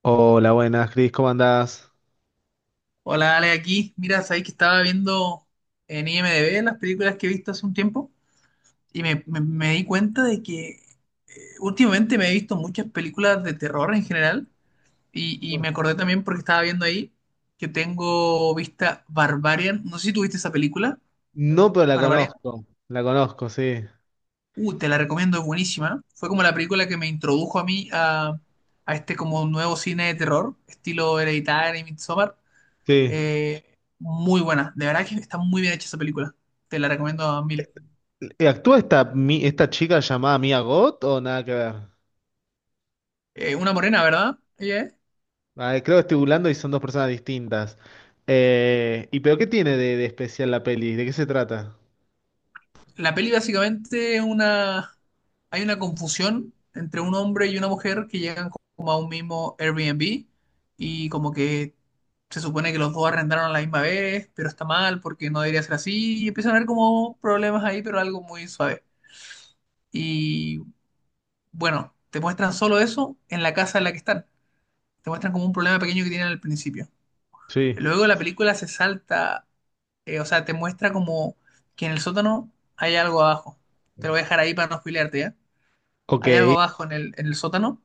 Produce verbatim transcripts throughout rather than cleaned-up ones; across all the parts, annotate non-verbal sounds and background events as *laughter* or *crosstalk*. Hola, buenas, Cris, ¿cómo andás? Hola, Ale, aquí. Mira, sabéis que estaba viendo en I M D b las películas que he visto hace un tiempo y me, me- me di cuenta de que eh, últimamente me he visto muchas películas de terror en general y, y me acordé también porque estaba viendo ahí que tengo vista Barbarian. No sé si tú viste esa película, No, pero la Barbarian. conozco, la conozco, sí. Uh, te la recomiendo, es buenísima. Fue como la película que me introdujo a mí a, a este como nuevo cine de terror, estilo Hereditary y Midsommar. Sí. Eh, Muy buena. De verdad que está muy bien hecha esa película. Te la recomiendo a mil. Eh, ¿Actúa esta, mi- esta chica llamada Mia Gott o nada que ver? Eh, una morena, ¿verdad? Ella es. Ah, creo que estoy burlando y son dos personas distintas. Eh, ¿y pero qué tiene de, de especial la peli? ¿De qué se trata? La peli básicamente es una... Hay una confusión entre un hombre y una mujer que llegan como a un mismo Airbnb y como que se supone que los dos arrendaron a la misma vez, pero está mal porque no debería ser así y empiezan a haber como problemas ahí, pero algo muy suave. Y bueno, te muestran solo eso en la casa en la que están. Te muestran como un problema pequeño que tienen al principio. Sí. Luego la película se salta, eh, o sea, te muestra como que en el sótano hay algo abajo. Te lo voy a dejar ahí para no spoilearte, ¿ya? Hay algo Ok. abajo en el, en el sótano.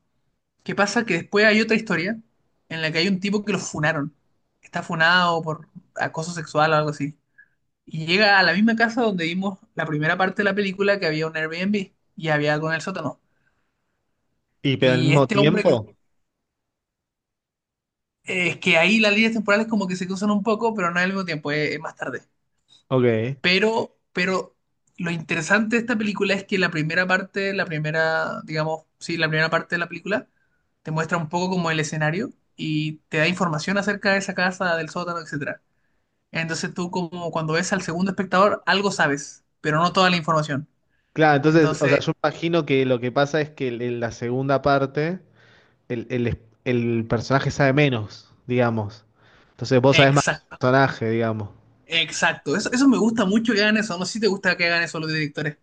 ¿Qué pasa? Que después hay otra historia en la que hay un tipo que lo funaron. Está funado por acoso sexual o algo así. Y llega a la misma casa donde vimos la primera parte de la película que había un Airbnb y había algo en el sótano. ¿Y pero al Y mismo este hombre que... tiempo? Es que ahí las líneas temporales como que se cruzan un poco, pero no al mismo tiempo, es es más tarde. Ok. Pero, pero lo interesante de esta película es que la primera parte, la primera, digamos, sí, la primera parte de la película te muestra un poco como el escenario y te da información acerca de esa casa, del sótano, etcétera. Entonces tú como cuando ves al segundo espectador, algo sabes, pero no toda la información. Claro, entonces, o sea, Entonces, yo imagino que lo que pasa es que en la segunda parte. el, el- el personaje sabe menos, digamos. Entonces vos sabés más del exacto, personaje, digamos. exacto. Eso, eso me gusta mucho que hagan eso. No sé si te gusta que hagan eso los directores.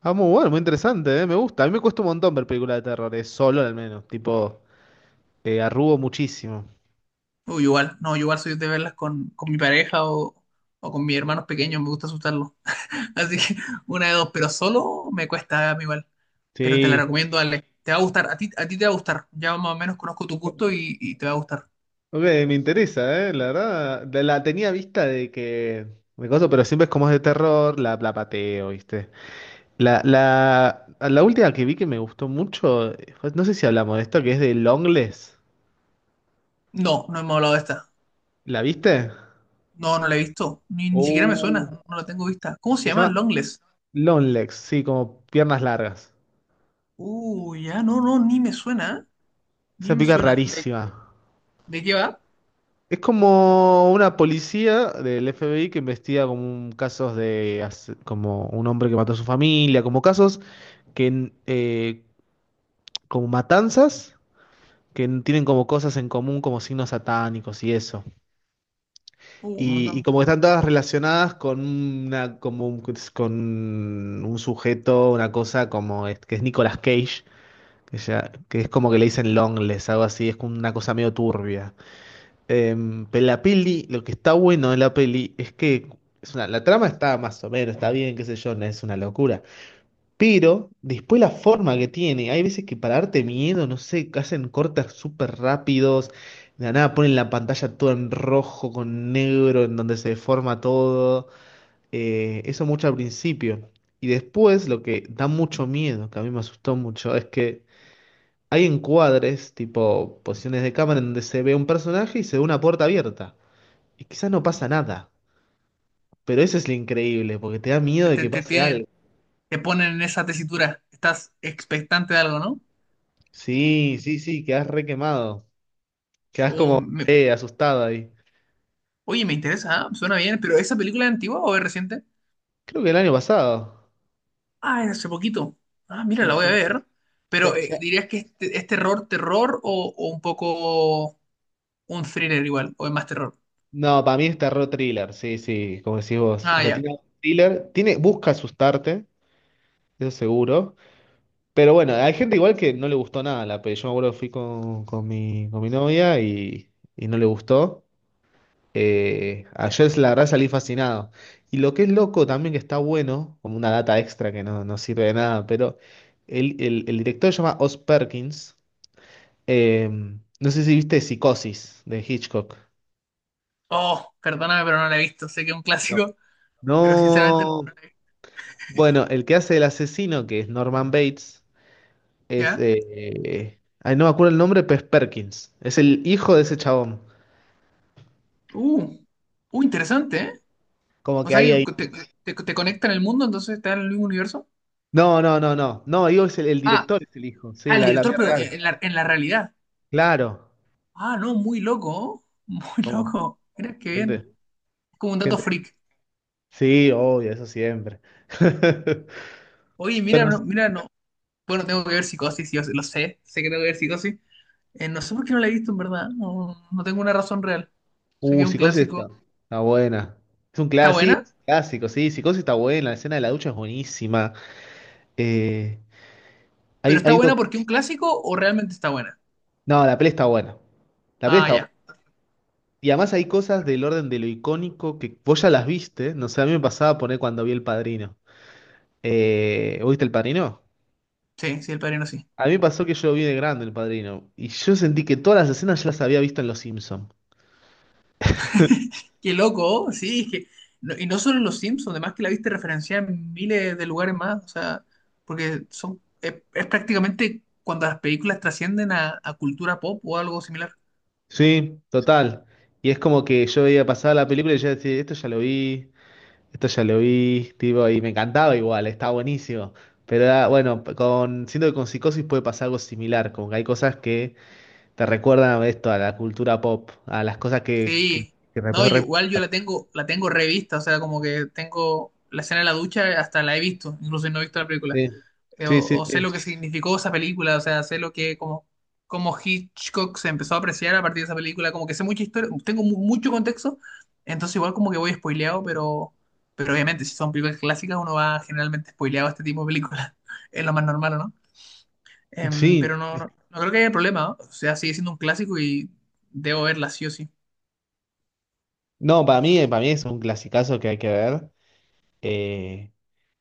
Ah, muy bueno, muy interesante, ¿eh? Me gusta. A mí me cuesta un montón ver películas de terror, es solo al menos. Tipo, eh, arrugo muchísimo. O igual, no, yo igual soy de verlas con, con mi pareja o, o con mis hermanos pequeños, me gusta asustarlos. Así que una de dos, pero solo me cuesta a mí igual. Pero te la Sí. recomiendo, Ale. Te va a gustar, a ti, a ti te va a gustar. Ya más o menos conozco tu gusto y, y te va a gustar. Ok, me interesa, ¿eh? La verdad, la, la tenía vista de que... Me coso, pero siempre es como es de terror, la, la pateo, ¿viste? La, la, la última que vi que me gustó mucho, eh, fue- no sé si hablamos de esto, que es de longlegs. No, no hemos hablado de esta. ¿La viste? No, no la he visto. Ni, ni siquiera me Uh, suena. No la tengo vista. ¿Cómo se Se llama? llama Longless. Long legs, sí, como piernas largas. Uh, ya, no, no, ni me suena, ¿eh? Ni Esa me pica suena. ¿De, rarísima. ¿De qué va? Es como una policía del F B I que investiga como un- casos de as- como un hombre que mató a su familia, como casos que n- eh, como matanzas que n- tienen como cosas en común, como signos satánicos y eso. Uh, un Y, y montón. como que están todas relacionadas con una como un, con un sujeto, una cosa como es- que es Nicolas Cage, que, ya- que es como que le dicen Longless, algo así, es como una cosa medio turbia. Em, pero la peli, lo que está bueno de la peli es que es una, la trama está más o menos, está bien, qué sé yo, no es una locura. Pero después la forma que tiene, hay veces que para darte miedo, no sé, hacen cortes súper rápidos, de la nada ponen la pantalla toda en rojo con negro, en donde se deforma todo. Eh, eso mucho al principio. Y después lo que da mucho miedo, que a mí me asustó mucho, es que hay encuadres, tipo posiciones de cámara, en donde se ve un personaje y se ve una puerta abierta. Y quizás no pasa nada, pero eso es lo increíble, porque te da miedo Te, de te, que te pase tienen, algo. te ponen en esa tesitura. Estás expectante de algo, ¿no? Sí, sí, sí, quedás re quemado. Quedás Uh, como me- eh, asustado ahí. Oye, me interesa, ¿ah? Suena bien, pero ¿esa película es antigua o es reciente? Creo que el año pasado. Ah, es hace poquito. Ah, mira, Sí, la voy a sí. ver. Pero Ya- eh, ya- ¿dirías que este, es terror, terror o, o un poco un thriller igual? ¿O es más terror? No, para mí está re thriller, sí, sí, como decís vos. O Ah, sea, ya. tiene un thriller, tiene, busca asustarte, eso seguro. Pero bueno, hay gente igual que no le gustó nada la peli. Yo me acuerdo que fui con, con mi, con mi novia y, y no le gustó. Eh, ayer la verdad salí fascinado. Y lo que es loco también que está bueno, como una data extra que no, no sirve de nada, pero el, el- el director se llama Oz Perkins. Eh, no sé si viste Psicosis de Hitchcock. Oh, perdóname, pero no la he visto. Sé que es un No. clásico, *laughs* pero sinceramente no No. la he visto. Bueno, el que hace el asesino, que es Norman Bates, es... ¿Ya? eh, ay, no me acuerdo el nombre, pero es Perkins. Es el hijo de ese chabón. Uh, uh, interesante, ¿eh? Como O que sea hay que ahí... te, te, te conecta en el mundo, entonces está en el mismo universo. No, no, no, no. No, digo, es el, el Ah, director es el hijo. Sí, al la, la director, vida pero real. en la, en la realidad. Claro. Ah, no, muy loco, *laughs* ¿oh? Muy Como loco. Mira qué bien. gente, Es como un dato gente, freak. sí, obvio, eso siempre. *laughs* Oye, mira, Bueno, no- es- mira, no, Bueno, tengo que ver Psicosis, yo lo sé, sé que tengo que ver Psicosis. Eh, no sé por qué no la he visto en verdad, no, no tengo una razón real. Sé que uh, es un Psicosis clásico. está, está buena. Es un ¿Está clásico, buena? clásico, sí, Psicosis está buena, la escena de la ducha es buenísima. Eh, hay, ¿Pero hay está un buena doc- porque es un clásico o realmente está buena? no, la peli está buena. La peli Ah, está buena. ya. Y además hay cosas del orden de lo icónico que vos ya las viste, no sé, a mí me pasaba poner cuando vi El Padrino. Eh, ¿vos ¿viste El Padrino? Sí, sí, El Padrino sí. A mí me pasó que yo vi de grande El Padrino y yo sentí que todas las escenas ya las había visto en Los Simpsons. Qué loco, sí, es que... no- y no solo en Los Simpsons, además que la viste referenciada en miles de lugares más, o sea, porque son, es, es prácticamente cuando las películas trascienden a, a cultura pop o algo similar. Sí, total. Y es como que yo veía pasar la película y yo decía, esto ya lo vi, esto ya lo vi, tipo, y me encantaba igual, estaba buenísimo. Pero era- bueno, con, siento que con Psicosis puede pasar algo similar, como que hay cosas que te recuerdan a esto, a la cultura pop, a las cosas que, que, Sí, que rep- no, yo, rep- igual yo la tengo, la tengo revista, o sea, como que tengo la escena de la ducha, hasta la he visto, incluso no he visto la película, Sí, Eh, sí, o, sí. o sé Sí, lo que significó esa película, o sea, sé lo que, como, como Hitchcock se empezó a apreciar a partir de esa película, como que sé mucha historia, tengo mu- mucho contexto, entonces igual como que voy spoileado, pero, pero obviamente si son películas clásicas uno va generalmente spoileado a este tipo de películas, *laughs* es lo más normal, ¿o ¿no? Em, sí. Pero no, no, no creo que haya problema, ¿no? O sea, sigue siendo un clásico y debo verla sí o sí. No, para mí, para mí es un clasicazo que hay que ver. Eh,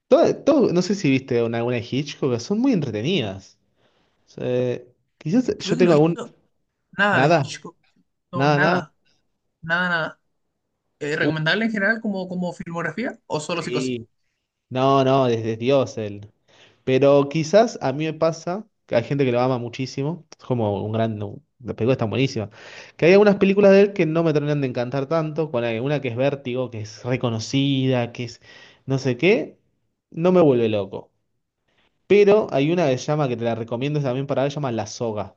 todo, todo- no sé si viste una, alguna de Hitchcock, pero son muy entretenidas. O sea, quizás Creo yo que no tengo he algún... visto. Nada de Nada, Hitchcock. No, nada, nada. nada. Nada, nada. Eh, Uh, ¿Recomendable en general como, como filmografía o solo psicosis? Sí. No, no, desde Dios él. Pero quizás a mí me pasa que hay gente que lo ama muchísimo. Es como un gran. Las películas están buenísimas. Que hay algunas películas de él que no me terminan de encantar tanto. Con una que es Vértigo, que es reconocida, que es no sé qué. No me vuelve loco. Pero hay una que se llama, que te la recomiendo también para ver, se llama La Soga.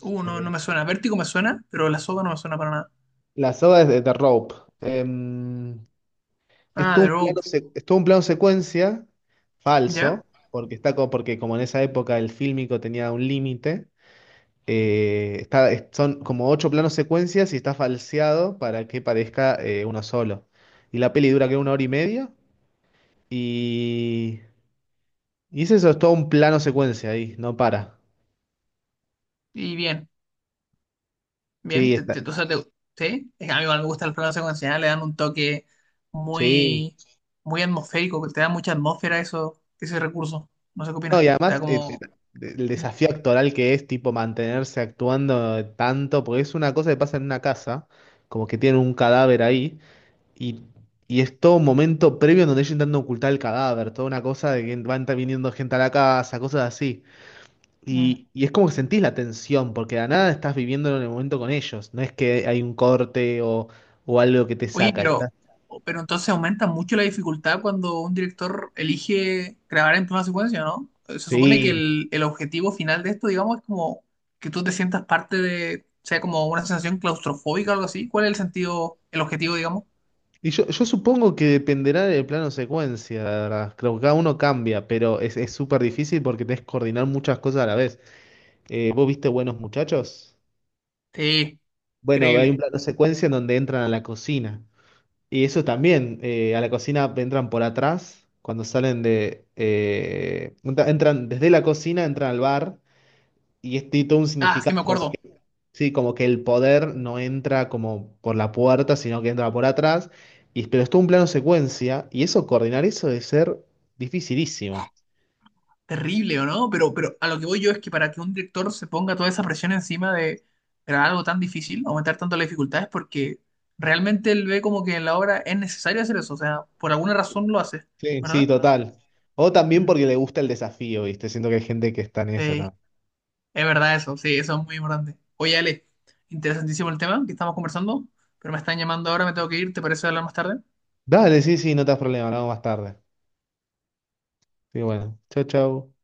Uh, no, no Eh, me suena. Vértigo me suena, pero La Soga no me suena para nada. La Soga es de The Rope. Em, Es Ah, todo The un plano, Rope. se- es todo un plano secuencia ¿Ya? falso, porque está como, porque como en esa época el fílmico tenía un límite, eh, está, es- son como ocho planos secuencias y está falseado para que parezca eh, uno solo. Y la peli dura que una hora y media y, y es eso, es todo un plano secuencia ahí, no para. Y bien, bien. Sí, Te, está, te- O sea, te- ¿sí? Es que a mí igual me gustan las películas secuenciales, le dan un toque sí. muy, muy atmosférico, que te da mucha atmósfera eso, ese recurso. No sé qué No, opinas. y Te da además eh, eh, como... el mm, desafío actoral que es tipo mantenerse actuando tanto, porque es una cosa que pasa en una casa como que tienen un cadáver ahí. Y, y es todo un momento previo en donde ellos intentan ocultar el cadáver, toda una cosa de que van viniendo gente a la casa, cosas así. mm. Y, y es como que sentís la tensión, porque de la nada estás viviéndolo en el momento con ellos. No es que hay un corte o, o algo que te Oye, saca. pero, Estás... pero entonces aumenta mucho la dificultad cuando un director elige grabar en plano secuencia, ¿no? Eh, Se supone que Sí. el, el objetivo final de esto, digamos, es como que tú te sientas parte de, sea como una sensación claustrofóbica o algo así. ¿Cuál es el sentido, el objetivo, digamos? Y yo, yo supongo que dependerá del plano secuencia, la verdad. Creo que cada uno cambia, pero es, es súper difícil porque tenés que coordinar muchas cosas a la vez. Eh, ¿vos viste Buenos Muchachos? Sí, Bueno, hay un increíble. plano secuencia en donde entran a la cocina. Y eso también, eh, a la cocina entran por atrás, cuando salen de... eh, entra- entran desde la cocina, entran al bar, y es tiene todo un Ah, sí, significado, me acuerdo. sí, como que el poder no entra como por la puerta, sino que entra por atrás, y, pero es todo un plano secuencia, y eso, coordinar eso debe ser dificilísimo. Terrible, ¿o no? Pero, pero a lo que voy yo es que para que un director se ponga toda esa presión encima de grabar algo tan difícil, aumentar tanto las dificultades, porque realmente él ve como que en la obra es necesario hacer eso, o sea, por alguna razón lo hace, Sí, sí, ¿verdad? total. O también Mm, porque le gusta el desafío, ¿viste? Siento que hay gente que está en esa Sí, también. es verdad eso, sí, eso es muy importante. Oye, Ale, interesantísimo el tema que estamos conversando, pero me están llamando ahora, me tengo que ir, ¿te parece hablar más tarde? Dale, sí, sí, no te das problema, hablamos más tarde. Sí, bueno, chau, chau.